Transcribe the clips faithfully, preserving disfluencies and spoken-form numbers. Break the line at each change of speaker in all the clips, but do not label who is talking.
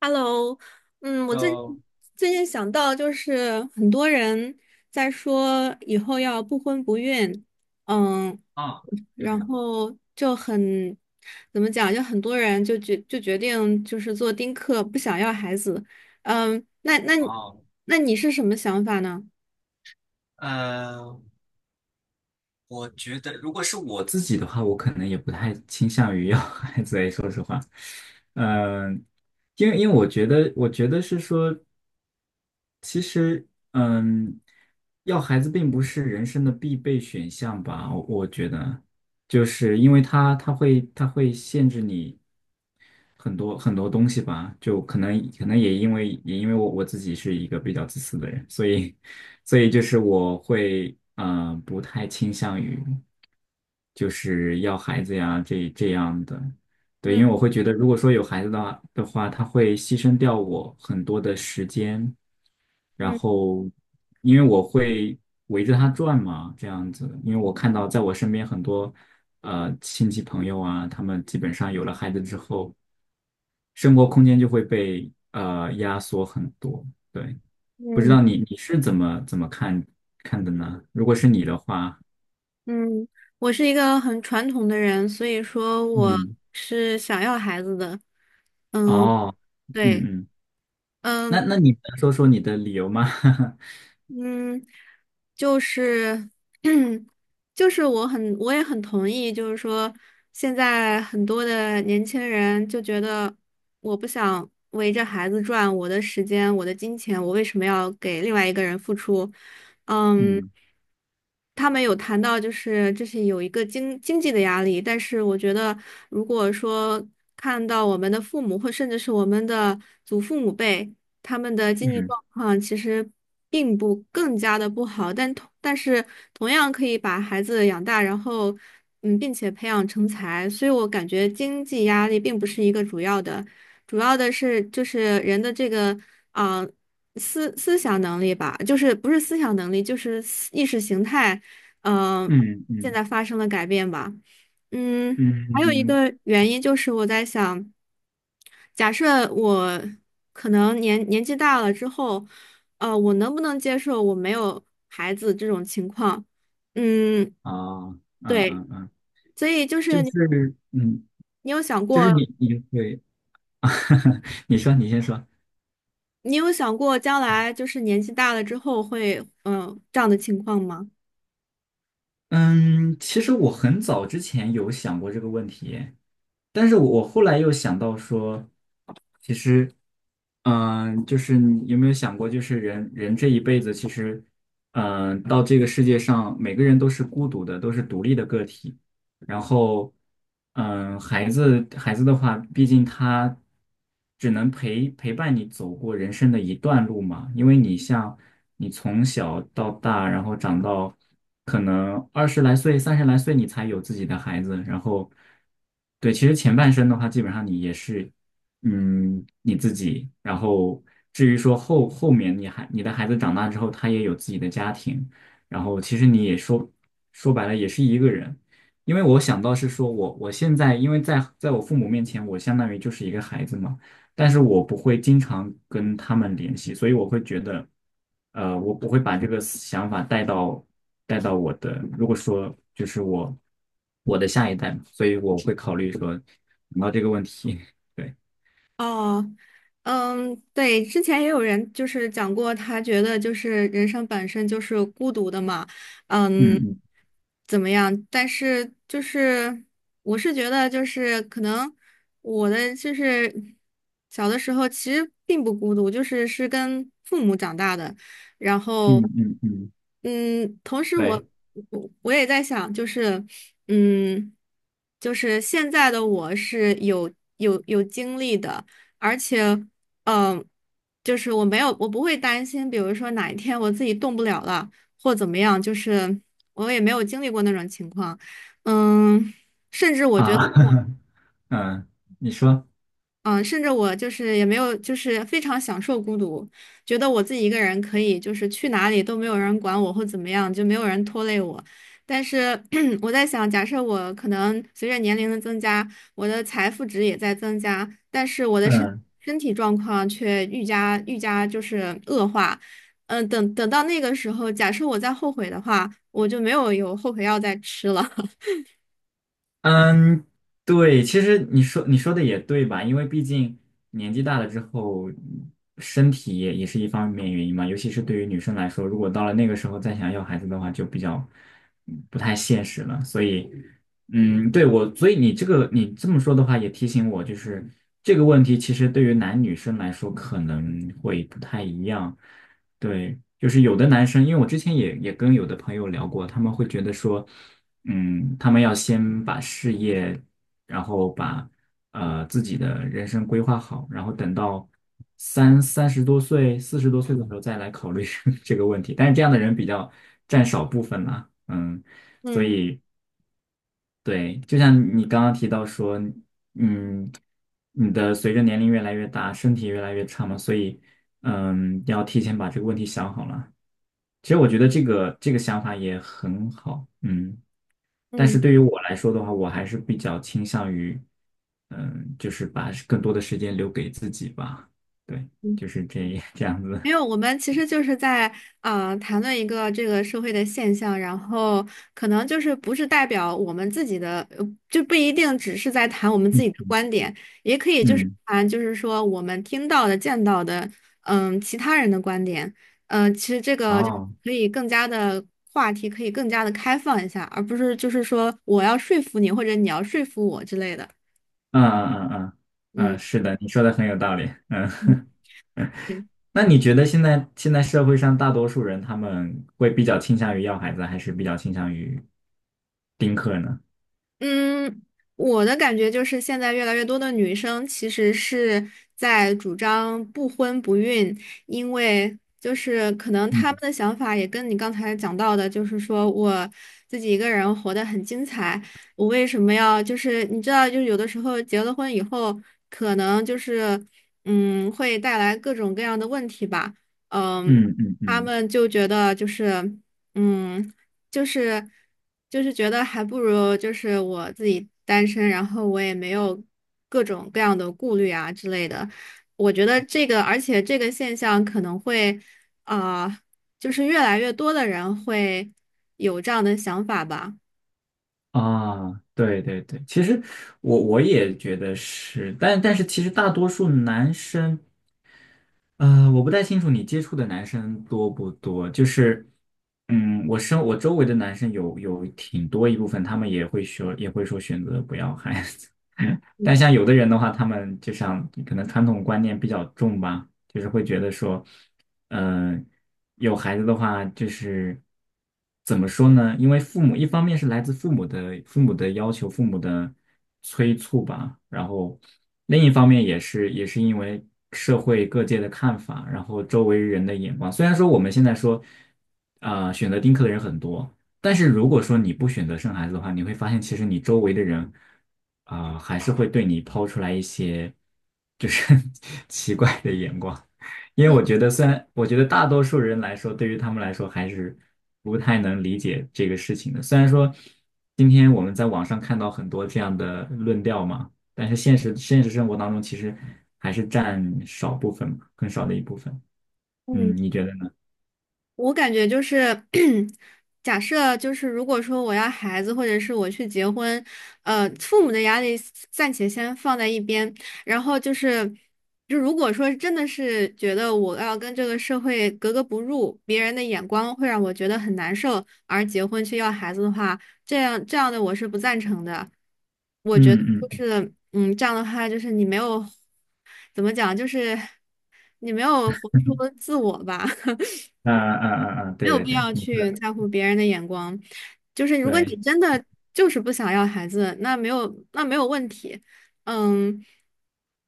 Hello，嗯，我最
呃，
最近想到就是很多人在说以后要不婚不孕，嗯，
啊，
然
嗯，
后就很怎么讲，就很多人就决就决定就是做丁克，不想要孩子，嗯，那那你
哦，
那你是什么想法呢？
呃，我觉得如果是我自己的话，我可能也不太倾向于要 孩子诶，说实话，嗯、因为因为我觉得，我觉得是说，其实，嗯，要孩子并不是人生的必备选项吧，我我觉得。就是因为他他会他会限制你。很多很多东西吧，就可能可能也因为也因为我我自己是一个比较自私的人，所以所以就是我会嗯、呃不太倾向于就是要孩子呀这这样的。对，因
嗯
为我会觉得如果说有孩子的话的话，他会牺牲掉我很多的时间，然
嗯
后因为我会围着他转嘛，这样子。因为我看到在我身边很多呃亲戚朋友啊，他们基本上有了孩子之后，生活空间就会被呃压缩很多。对。不知
嗯
道你你是怎么怎么看看的呢？如果是你的话，
嗯，我是一个很传统的人，所以说我
嗯，
是想要孩子的，嗯，
哦，
对。
嗯嗯。
嗯，
那那你能说说你的理由吗？
嗯，就是 就是我很我也很同意，就是说现在很多的年轻人就觉得我不想围着孩子转，我的时间，我的金钱，我为什么要给另外一个人付出？嗯，
嗯
他们有谈到就是这是有一个经经济的压力，但是我觉得如果说看到我们的父母或甚至是我们的祖父母辈。他们的经济
嗯
状况其实并不更加的不好，但同但是同样可以把孩子养大，然后嗯，并且培养成才，所以我感觉经济压力并不是一个主要的，主要的是就是人的这个啊、思思想能力吧，就是不是思想能力，就是思意识形态，嗯、
嗯
现
嗯
在发生了改变吧，嗯。还有一
嗯，
个原因就是我在想，假设我可能年年纪大了之后，呃，我能不能接受我没有孩子这种情况？嗯，
啊，嗯
对，
嗯嗯，
所以就是
就
你，
是嗯，
你有想
就是
过，
你你会，你说你先说。
你有想过将来就是年纪大了之后会，嗯、这样的情况吗？
嗯，其实我很早之前有想过这个问题，但是我我后来又想到说，其实，嗯、就是你有没有想过，就是人人这一辈子，其实，嗯、到这个世界上，每个人都是孤独的，都是独立的个体。然后，嗯，孩子孩子的话，毕竟他只能陪陪伴你走过人生的一段路嘛。因为你像你从小到大，然后长到可能二十来岁、三十来岁，你才有自己的孩子。然后，对，其实前半生的话，基本上你也是，嗯，你自己。然后至于说后后面你还你的孩子长大之后，他也有自己的家庭。然后其实你也说说白了也是一个人。因为我想到是说我我现在因为在在我父母面前，我相当于就是一个孩子嘛。但是我不会经常跟他们联系，所以我会觉得，呃，我不会把这个思想法带到带到我的，如果说就是我我的下一代嘛，所以我会考虑说想到这个问题。对，
哦，嗯，对，之前也有人就是讲过，他觉得就是人生本身就是孤独的嘛，
嗯
嗯，
嗯
怎么样？但是就是我是觉得就是可能我的就是小的时候其实并不孤独，就是是跟父母长大的，然
嗯
后
嗯嗯，
嗯，同时我
对
我我也在想，就是嗯，就是现在的我是有有有经历的。而且，嗯、就是我没有，我不会担心，比如说哪一天我自己动不了了，或怎么样，就是我也没有经历过那种情况，嗯，甚至我觉得。
啊，嗯，你说，
嗯，呃甚至我就是也没有，就是非常享受孤独，觉得我自己一个人可以，就是去哪里都没有人管我或怎么样，就没有人拖累我。但是 我在想，假设我可能随着年龄的增加，我的财富值也在增加，但是我的身
嗯。
身体状况却愈加愈加就是恶化。嗯，等等到那个时候，假设我再后悔的话，我就没有有后悔药再吃了。
嗯，对，其实你说你说的也对吧？因为毕竟年纪大了之后，身体也也是一方面原因嘛。尤其是对于女生来说，如果到了那个时候再想要孩子的话，就比较嗯不太现实了。所以，嗯，对我，所以你这个你这么说的话，也提醒我，就是这个问题其实对于男女生来说可能会不太一样。对，就是有的男生，因为我之前也也跟有的朋友聊过，他们会觉得说。嗯，他们要先把事业，然后把呃自己的人生规划好，然后等到三三十多岁、四十多岁的时候再来考虑 这个问题。但是这样的人比较占少部分啦，嗯，所
嗯
以对，就像你刚刚提到说，嗯，你的随着年龄越来越大，身体越来越差嘛，所以嗯，要提前把这个问题想好了。其实我觉得这个这个想法也很好，嗯。但是
嗯。
对于我来说的话，我还是比较倾向于，嗯，就是把更多的时间留给自己吧。对，就是这 这样子。
没有，我们其实就是在呃谈论一个这个社会的现象，然后可能就是不是代表我们自己的，呃就不一定只是在谈我们自己的观点，也可以就是
嗯，
谈就是说我们听到的、见到的，嗯，其他人的观点，嗯、其实这个就
哦，
可以更加的话题可以更加的开放一下，而不是就是说我要说服你或者你要说服我之类的，
嗯嗯嗯
嗯
嗯，是的，你说的很有道理。嗯，
嗯，对。
那你觉得现在现在社会上大多数人他们会比较倾向于要孩子，还是比较倾向于丁克呢？
嗯，我的感觉就是现在越来越多的女生其实是在主张不婚不孕，因为就是可能她们的想法也跟你刚才讲到的，就是说我自己一个人活得很精彩，我为什么要就是你知道，就是有的时候结了婚以后，可能就是嗯会带来各种各样的问题吧，嗯，
嗯嗯
他
嗯。
们就觉得就是。嗯，就是就是觉得还不如就是我自己单身，然后我也没有各种各样的顾虑啊之类的。我觉得这个，而且这个现象可能会啊、呃就是越来越多的人会有这样的想法吧。
啊，对对对，其实我我也觉得是，但但是其实大多数男生呃，我不太清楚你接触的男生多不多，就是，嗯，我身我周围的男生有有挺多一部分，他们也会说也会说选择不要孩子。
嗯
但像有的人的话，他们就像可能传统观念比较重吧，就是会觉得说，嗯。有孩子的话，就是怎么说呢？因为父母一方面是来自父母的父母的要求、父母的催促吧，然后另一方面也是也是因为社会各界的看法，然后周围人的眼光。虽然说我们现在说，呃，选择丁克的人很多。但是如果说你不选择生孩子的话，你会发现其实你周围的人啊、还是会对你抛出来一些就是 奇怪的眼光。因为
嗯
我觉得，虽然我觉得大多数人来说，对于他们来说还是不太能理解这个事情的。虽然说今天我们在网上看到很多这样的论调嘛，但是现实现实生活当中其实还是占少部分嘛，更少的一部分。嗯，
嗯。
你觉得呢？
我感觉就是，假设就是如果说我要孩子，或者是我去结婚，呃，父母的压力暂且先放在一边，然后就是，就如果说真的是觉得我要跟这个社会格格不入，别人的眼光会让我觉得很难受，而结婚去要孩子的话，这样这样的我是不赞成的。我觉得
嗯嗯
就
嗯
是，嗯，这样的话就是你没有，怎么讲，就是你没有活出自我吧。
啊啊啊啊！
没
对
有
对
必
对，
要
你说
去
的
在乎别人的眼光。就是如果你
对。
真的就是不想要孩子，那没有那没有问题，嗯。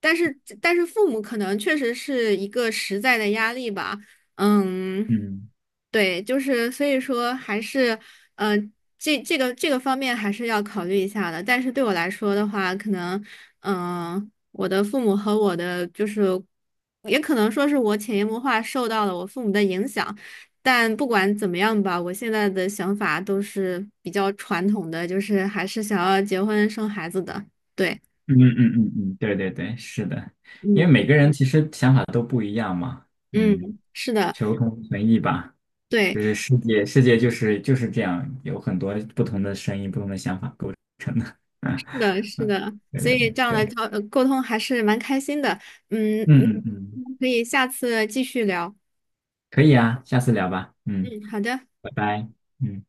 但是但是父母可能确实是一个实在的压力吧，嗯，
嗯
对，就是所以说还是，呃，这这个这个方面还是要考虑一下的。但是对我来说的话，可能，嗯、我的父母和我的就是，也可能说是我潜移默化受到了我父母的影响。但不管怎么样吧，我现在的想法都是比较传统的，就是还是想要结婚生孩子的。对，
嗯嗯嗯嗯，对对对，是的，因为
嗯
每个人其实想法都不一样嘛，嗯，
嗯，是的，
求同存异吧。
对，
就是世界，世界就是就是这样，有很多不同的声音、不同的想法构成的。嗯
是的，是
嗯，
的，
对
所
对
以
对
这样的
对，
交呃沟通还是蛮开心的。嗯嗯
嗯嗯嗯。嗯
可以下次继续聊。
可以啊，下次聊吧。嗯，
嗯，好的。
拜拜。嗯。